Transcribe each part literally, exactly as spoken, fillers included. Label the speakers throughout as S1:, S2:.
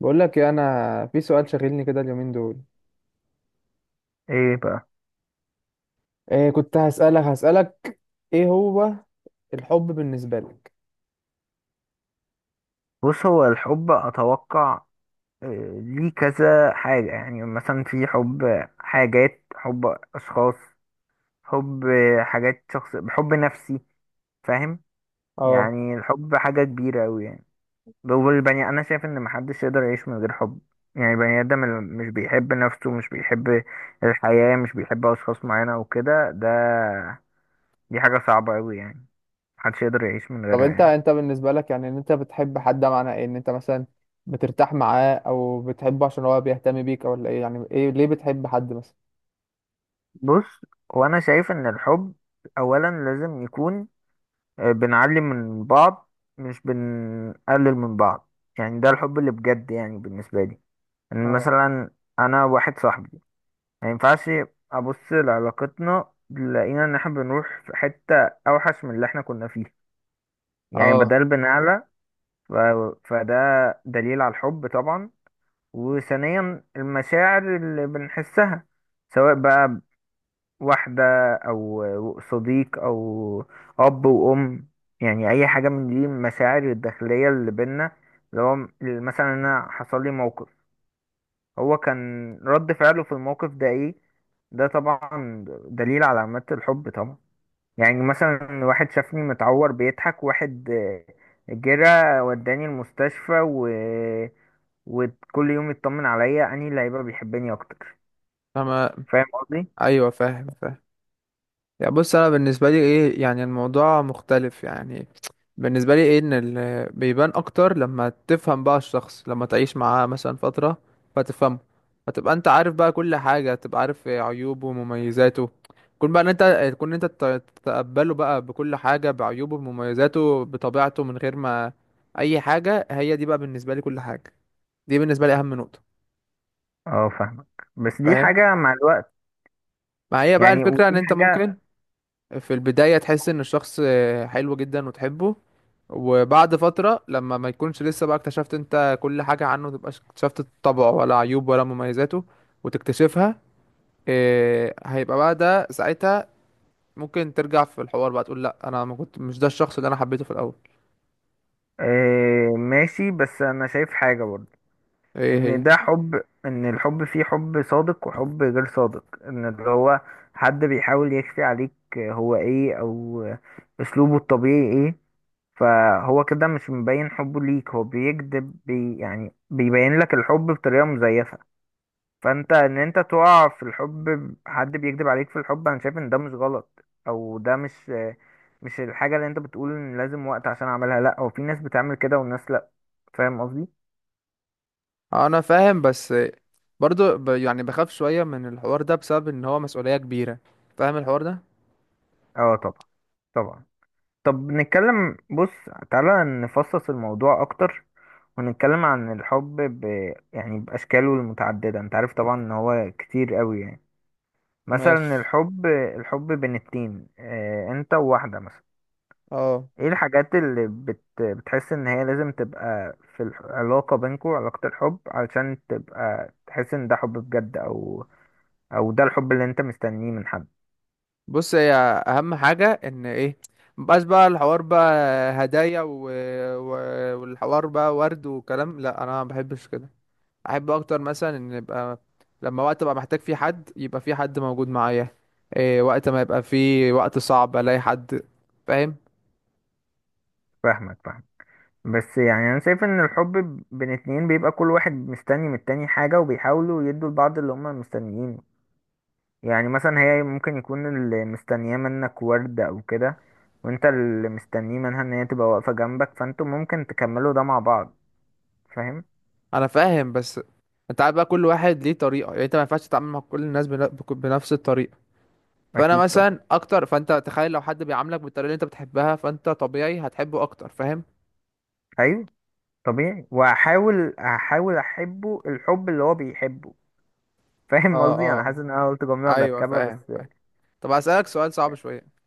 S1: بقول لك إيه، انا في سؤال شاغلني كده اليومين دول.
S2: ايه بقى؟
S1: إيه، كنت هسألك هسألك؟ ايه هو الحب بالنسبة لك؟
S2: بص، هو الحب اتوقع آه، ليه كذا حاجة. يعني مثلا في حب حاجات، حب اشخاص، حب حاجات شخص، حب نفسي. فاهم؟
S1: اه.
S2: يعني الحب حاجة كبيرة اوي يعني. هو البني، انا شايف ان محدش يقدر يعيش من غير حب. يعني البني ادم اللي مش بيحب نفسه، مش بيحب الحياة، مش بيحب اشخاص معينة وكده، ده دي حاجة صعبة اوي يعني. محدش يقدر يعيش من
S1: طب
S2: غيرها
S1: انت
S2: يعني.
S1: انت بالنسبة لك، يعني ان انت بتحب حد، ده معناه ايه؟ ان انت مثلا بترتاح معاه او بتحبه عشان هو بيهتم بيك، او ولا ايه؟ يعني ايه ليه بتحب حد مثلا؟
S2: بص، وانا شايف ان الحب اولا لازم يكون آه، بنعلي من بعض، مش بنقلل من بعض. يعني ده الحب اللي بجد يعني بالنسبة لي. ان
S1: اه.
S2: مثلا انا واحد صاحبي ما ينفعش ابص لعلاقتنا لقينا ان احنا بنروح في حتة اوحش من اللي احنا كنا فيه، يعني
S1: اه.
S2: بدل بنعلى. ف... فده دليل على الحب طبعا. وثانيا المشاعر اللي بنحسها، سواء بقى واحدة أو صديق أو أب وأم، يعني أي حاجة من دي. المشاعر الداخلية اللي بينا، اللي هو مثلا أنا حصل لي موقف، هو كان رد فعله في الموقف ده إيه؟ ده طبعا دليل على علامات الحب طبعا. يعني مثلا واحد شافني متعور بيضحك، واحد آه، جرى وداني المستشفى و... وكل يوم يطمن عليا، أنهي اللي هيبقى بيحبني أكتر؟
S1: تمام.
S2: فاهم قصدي؟
S1: ايوه، فاهم فاهم. يعني بص، انا بالنسبه لي ايه، يعني الموضوع مختلف يعني. بالنسبه لي ايه، ان ال- بيبان اكتر لما تفهم بقى الشخص، لما تعيش معاه مثلا فتره فتفهمه، فتبقى انت عارف بقى كل حاجه، تبقى عارف عيوبه ومميزاته. كون بقى ان انت تكون، انت تت- تتقبله بقى بكل حاجه، بعيوبه بمميزاته بطبيعته، من غير ما اي حاجه. هي دي بقى بالنسبه لي كل حاجه، دي بالنسبه لي اهم نقطه.
S2: اه فاهمك، بس دي
S1: فاهم؟
S2: حاجة مع الوقت.
S1: ما هي بقى
S2: يعني
S1: الفكره ان
S2: ودي
S1: انت
S2: حاجة
S1: ممكن في البداية تحس ان الشخص حلو جدا وتحبه. وبعد فترة، لما ما يكونش لسه بقى اكتشفت انت كل حاجة عنه، متبقاش اكتشفت طبعه ولا عيوب ولا مميزاته وتكتشفها، إيه هيبقى بقى ده ساعتها؟ ممكن ترجع في الحوار بقى تقول، لا انا ما كنت، مش ده الشخص اللي انا حبيته في الاول.
S2: آه، ماشي، بس أنا شايف حاجة برضه.
S1: ايه
S2: إن
S1: هي؟
S2: ده حب، إن الحب فيه حب صادق وحب غير صادق، إن اللي هو حد بيحاول يخفي عليك هو إيه، أو أسلوبه الطبيعي إيه، فهو كده مش مبين حبه ليك، هو بيكذب بي، يعني بيبين لك الحب بطريقة مزيفة. فانت ان انت تقع في الحب ب- حد بيكذب عليك في الحب، انا شايف ان ده مش غلط، او ده مش مش الحاجه اللي انت بتقول ان لازم وقت عشان اعملها. لا، هو في ناس بتعمل كده والناس لا. فاهم قصدي؟
S1: انا فاهم، بس برضو ب يعني بخاف شوية من الحوار ده، بسبب ان هو مسؤولية كبيرة. فاهم الحوار ده؟
S2: اه طبعا، طبعا. طب نتكلم، بص، تعالى نفصص الموضوع اكتر ونتكلم عن الحب ب... يعني باشكاله المتعدده. انت عارف طبعا ان هو كتير قوي يعني. مثلا
S1: ماشي.
S2: الحب، الحب بين اتنين، اه انت وواحده مثلا.
S1: اه،
S2: ايه الحاجات اللي بت... بتحس ان هي لازم تبقى في العلاقة بينكو، علاقة الحب، علشان تبقى تحس ان ده حب بجد، او او ده الحب اللي انت مستنيه من حد؟
S1: بص، هي اهم حاجه ان ايه، مبقاش بقى الحوار بقى هدايا و... و... والحوار بقى ورد وكلام، لا انا ما بحبش كده. احب اكتر مثلا ان يبقى لما وقت ابقى محتاج فيه حد، يبقى فيه حد موجود معايا. إيه وقت ما يبقى فيه وقت صعب الاقي حد. فاهم؟
S2: فاهمك، فاهم. بس يعني انا شايف ان الحب ب- بين اتنين بيبقى كل واحد مستني من التاني حاجة، وبيحاولوا يدوا لبعض اللي هما مستنيينه. يعني مثلا هي ممكن يكون اللي مستنياه منك وردة او كده، وانت اللي مستنيه منها ان هي تبقى واقفة جنبك، فانتوا ممكن تكملوا ده مع بعض. فاهم؟
S1: انا فاهم، بس انت عارف بقى كل واحد ليه طريقه. يعني انت ما ينفعش تتعامل مع كل الناس بن... بك- بنفس الطريقه. فانا
S2: اكيد طبعا،
S1: مثلا اكتر، فانت تخيل لو حد بيعاملك بالطريقه اللي انت بتحبها، فانت طبيعي هتحبه اكتر. فاهم؟
S2: ايوه. طبيعي، وهحاول هحاول احبه الحب اللي هو بيحبه. فاهم
S1: اه.
S2: قصدي؟ انا حاسس
S1: اه.
S2: ان انا قلت جمله
S1: ايوه،
S2: مركبه
S1: فاهم
S2: بس.
S1: فاهم طب هسألك سؤال صعب شوية.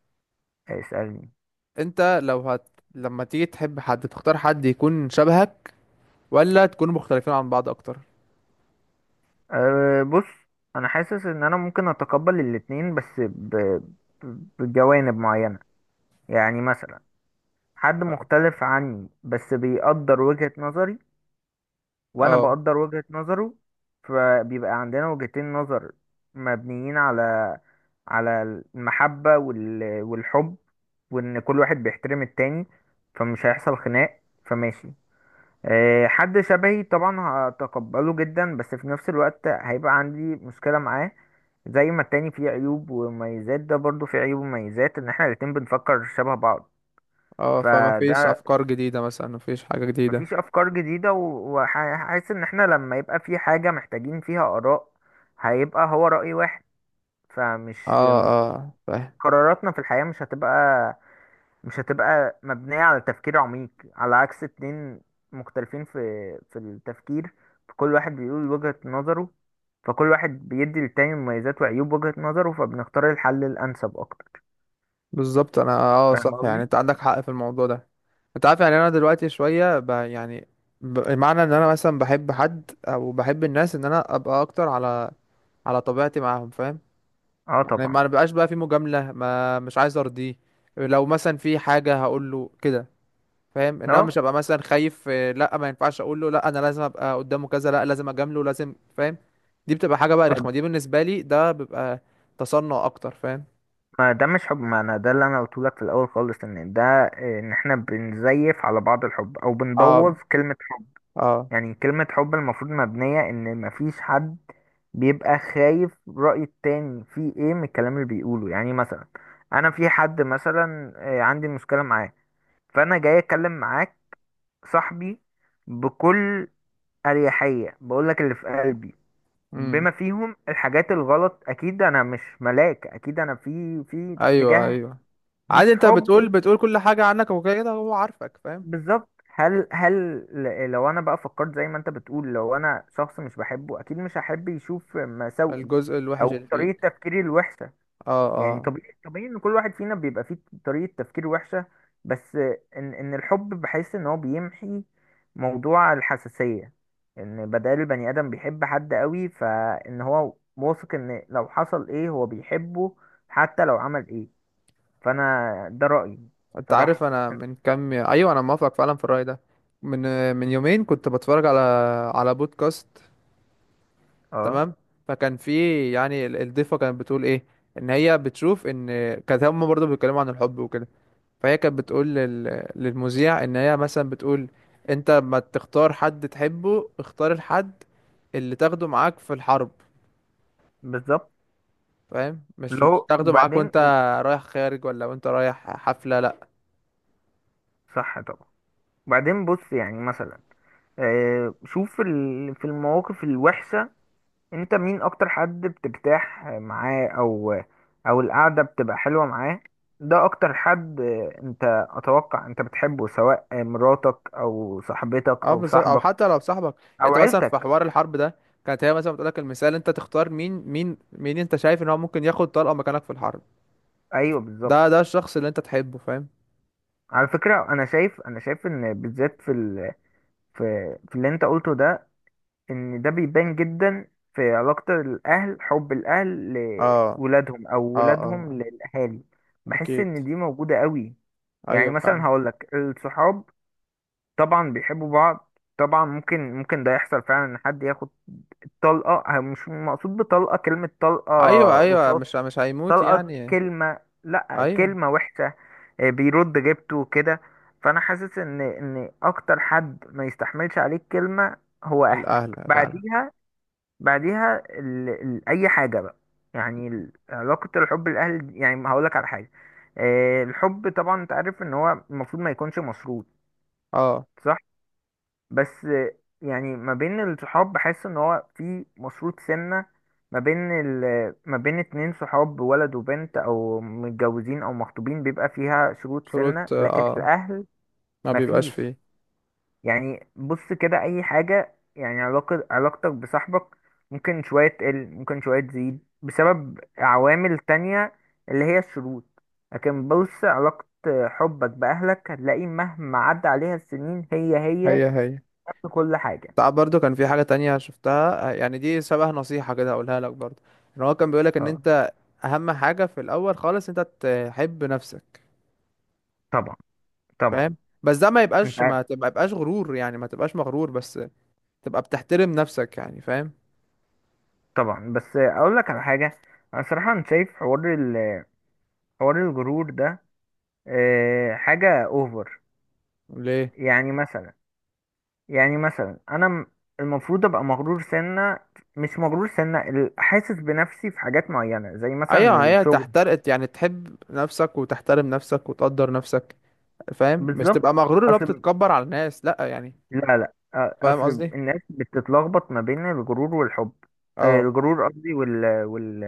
S2: اسالني.
S1: انت لو هت لما تيجي تحب حد، تختار حد يكون شبهك ولا تكونوا مختلفين عن بعض اكتر؟
S2: أه بص، انا حاسس ان انا ممكن اتقبل الاتنين، بس ب... ب- بجوانب معينه. يعني مثلا حد
S1: ف-
S2: مختلف عني بس بيقدر وجهة نظري، وانا
S1: اه.
S2: بقدر وجهة نظره، فبيبقى عندنا وجهتين نظر مبنيين على على المحبة وال... والحب، وان كل واحد بيحترم التاني، فمش هيحصل خناق، فماشي. آه، حد شبهي طبعا هتقبله جدا، بس في نفس الوقت هيبقى عندي مشكلة معاه. زي ما التاني فيه عيوب ومميزات، ده برضو فيه عيوب ومميزات ان احنا الاتنين بنفكر شبه بعض.
S1: اه، فما فيش
S2: فده
S1: افكار جديدة مثلا، ما فيش حاجة جديدة.
S2: مفيش افكار جديده، وحاسس ان احنا لما يبقى في حاجه محتاجين فيها اراء، هيبقى هو راي واحد،
S1: اه.
S2: فمش
S1: اه، فاهم.
S2: قراراتنا في الحياه مش هتبقى، مش هتبقى مبنيه على تفكير عميق، على عكس اتنين مختلفين في في التفكير، فكل واحد بيقول وجهه نظره، فكل واحد بيدي للتاني مميزات وعيوب وجهه نظره، فبنختار الحل الانسب اكتر.
S1: بالظبط، انا اه
S2: فاهم
S1: صح، يعني
S2: قصدي؟
S1: انت عندك حق في الموضوع ده. انت عارف، يعني انا دلوقتي شوية ب... يعني ب... معنى ان انا مثلا بحب حد او بحب الناس، ان انا ابقى اكتر على على طبيعتي معاهم. فاهم؟
S2: اه
S1: يعني
S2: طبعا.
S1: ما بقاش بقى في مجاملة، ما مش عايز ارضيه. لو مثلا في حاجة هقول له كده. فاهم؟ انما مش
S2: اه،
S1: هبقى مثلا خايف آه، لا ما ينفعش اقول له، لا انا لازم ابقى قدامه كذا، لا لازم اجامله لازم. فاهم؟ دي بتبقى حاجة بقى رخمة، دي بالنسبة لي ده بيبقى تصنع اكتر. فاهم؟
S2: ما ده مش حب. ما انا ده اللي انا قلت لك في الاول خالص، ان ده ان احنا بنزيف على بعض الحب، او بنبوظ
S1: اه.
S2: كلمة حب.
S1: اه.
S2: يعني كلمة حب المفروض مبنية ان مفيش حد بيبقى خايف رأي التاني في ايه من الكلام اللي بيقوله. يعني مثلا انا في حد مثلا آه، عندي مشكلة معاه، فانا جاي اتكلم معاك، صاحبي، بكل اريحية، بقولك اللي في قلبي
S1: امم
S2: بما فيهم الحاجات الغلط. اكيد انا مش ملاك، اكيد انا في في
S1: ايوه.
S2: اتجاه
S1: ايوه. عادي،
S2: مش
S1: انت
S2: حب.
S1: بتقول بتقول كل حاجة عنك وكده هو عارفك. فاهم؟
S2: بالظبط. هل هل ل- لو انا بقى فكرت زي ما انت بتقول، لو انا شخص مش بحبه اكيد مش هحب يشوف مساوئي،
S1: الجزء الوحش
S2: او
S1: اللي فيك.
S2: طريقة تفكيري الوحشة.
S1: اه.
S2: يعني
S1: آه.
S2: طبيعي، طبيعي ان كل واحد فينا بيبقى فيه طريقة تفكير وحشة، بس ان ان الحب بحس ان هو بيمحي موضوع الحساسية، ان بدل البني ادم بيحب حد قوي، فان هو واثق ان لو حصل ايه هو بيحبه حتى لو عمل ايه. فانا ده رأيي
S1: انت عارف،
S2: صراحة.
S1: انا من كام، ايوه انا موافق فعلا في الرأي ده. من من يومين كنت بتفرج على على بودكاست.
S2: اه
S1: تمام. فكان في، يعني ال- الضيفة كانت بتقول ايه، ان هي بتشوف ان كانت هم برضه بيتكلموا عن الحب وكده. فهي كانت بتقول لل... للمذيع، ان هي مثلا بتقول انت ما تختار حد تحبه، اختار الحد اللي تاخده معاك في الحرب.
S2: بالظبط.
S1: فاهم؟ مش مش
S2: لو
S1: تاخده معاك
S2: وبعدين،
S1: وانت رايح خارج، ولا وانت رايح حفلة. لا.
S2: صح طبعا. وبعدين بص، يعني مثلا آه، شوف ال- في المواقف الوحشة، انت مين اكتر حد بترتاح معاه، او او القعدة بتبقى حلوة معاه؟ ده اكتر حد آه، انت اتوقع انت بتحبه، سواء آه، مراتك او صاحبتك
S1: اه
S2: او
S1: بالظبط، او
S2: صاحبك
S1: حتى لو صاحبك.
S2: او
S1: انت مثلا في
S2: عيلتك.
S1: حوار الحرب ده، كانت هي مثلا بتقولك المثال، انت تختار مين، مين مين انت شايف ان هو ممكن ياخد طلقة مكانك في الحرب.
S2: ايوه بالظبط.
S1: ده ده الشخص اللي انت تحبه. فاهم؟
S2: على فكرة، انا شايف، انا شايف ان بالذات في ال... في في اللي انت قلته ده، ان ده بيبان جدا في علاقة الاهل، حب الاهل
S1: اه.
S2: لولادهم او
S1: اه. اه.
S2: ولادهم
S1: آه.
S2: للاهالي. بحس
S1: اكيد.
S2: ان دي موجودة قوي. يعني
S1: ايوه
S2: مثلا
S1: فعلا.
S2: هقولك الصحاب طبعا بيحبوا بعض. طبعا ممكن، ممكن ده يحصل فعلا، ان حد ياخد طلقة. أه، مش مقصود بطلقة كلمة طلقة
S1: ايوه، ايوه،
S2: رصاص،
S1: مش مش هيموت
S2: طلقة
S1: يعني.
S2: كلمة، لا،
S1: ايوه.
S2: كلمة وحشة. أه، بيرد جبته كده. فانا حاسس ان ان اكتر حد ما يستحملش عليك كلمة هو اهلك.
S1: الاهل فعلا.
S2: بعديها، بعديها ال... ال... اي حاجه بقى. يعني ال- علاقه الحب الاهل، يعني هقول لك على حاجه. آه، الحب طبعا انت عارف ان هو المفروض ما يكونش مشروط.
S1: اه،
S2: صح. بس آه، يعني ما بين الصحاب بحس ان هو في مشروط سنه، ما بين ال... ما بين اتنين صحاب، ولد وبنت او متجوزين او مخطوبين، بيبقى فيها شروط سنه.
S1: شروط،
S2: لكن
S1: اه
S2: الاهل
S1: ما
S2: ما
S1: بيبقاش
S2: فيش.
S1: فيه.
S2: يعني بص كده، اي حاجة يعني علاقة، علاقتك بصاحبك ممكن شوية تقل، ممكن شوية تزيد بسبب عوامل تانية، اللي هي الشروط. لكن بص، علاقة حبك بأهلك هتلاقي مهما عدى عليها السنين هي هي،
S1: هي هي.
S2: نفس كل حاجة.
S1: تعب برضو كان في حاجة تانية شفتها، يعني دي شبه نصيحة كده هقولها لك برضو. ان هو كان بيقولك ان
S2: اه
S1: انت اهم حاجه في الاول خالص، انت تحب نفسك.
S2: طبعا، طبعا.
S1: فاهم؟ بس ده ما
S2: انت
S1: يبقاش
S2: عارف
S1: ما تبقى يبقاش غرور، يعني ما تبقاش مغرور بس، تبقى بتحترم نفسك يعني. فاهم؟
S2: طبعا، بس اقول لك على حاجة. انا صراحة انا شايف حوار ال- حوار الغرور ده آه، حاجة اوفر.
S1: ليه؟
S2: يعني مثلا، يعني مثلا انا م- المفروض ابقى مغرور سنة، مش مغرور سنة ال- حاسس بنفسي في حاجات معينة زي مثلا
S1: ايوه، هي
S2: الشغل.
S1: تحترق، يعني تحب نفسك وتحترم نفسك وتقدر نفسك. فاهم؟ مش
S2: بالظبط.
S1: تبقى مغرور اللي هو
S2: اصل،
S1: بتتكبر على الناس، لا يعني.
S2: لا لا أ-
S1: فاهم
S2: اصل
S1: قصدي؟
S2: الناس بتتلخبط ما بين الغرور والحب. آه،
S1: اه.
S2: الغرور قصدي، وال وال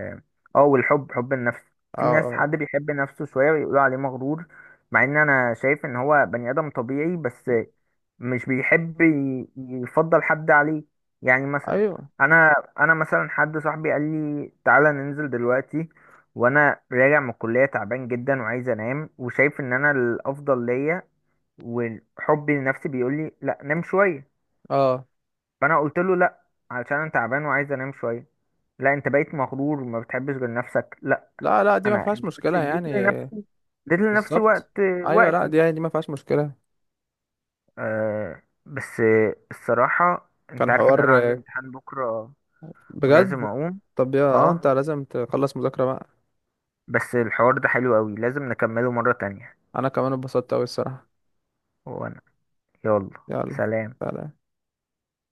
S2: اه والحب حب النفس.
S1: اه.
S2: في ناس،
S1: اه.
S2: حد بيحب نفسه شوية ويقولوا عليه مغرور، مع ان انا شايف ان هو بني ادم طبيعي، بس مش بيحب ي- يفضل حد عليه. يعني مثلا
S1: ايوه.
S2: انا، انا مثلا حد صاحبي قال لي تعالى ننزل دلوقتي، وانا راجع من الكلية تعبان جدا وعايز انام، وشايف ان انا الافضل ليا وحبي لنفسي بيقول لي لا نام شويه.
S1: اه.
S2: فانا قلت له لا، علشان انا تعبان وعايز انام شويه. لا انت بقيت مغرور وما بتحبش غير نفسك. لا،
S1: لا لا، دي ما
S2: انا
S1: فيهاش
S2: انا بس
S1: مشكله
S2: اديت
S1: يعني.
S2: لنفسي، اديت لنفسي
S1: بالظبط.
S2: وقت،
S1: ايوه، لا
S2: وقتي.
S1: دي يعني دي ما فيهاش مشكله.
S2: آه، بس الصراحه انت
S1: كان
S2: عارف ان انا
S1: حوار
S2: عندي امتحان بكره ولازم
S1: بجد.
S2: اقوم.
S1: طب يا اه
S2: اه
S1: انت لازم تخلص مذاكرة بقى.
S2: بس الحوار ده حلو قوي، لازم نكمله مره تانية.
S1: انا كمان اتبسطت اوي الصراحة.
S2: وانا يلا.
S1: يلا.
S2: سلام.
S1: سلام.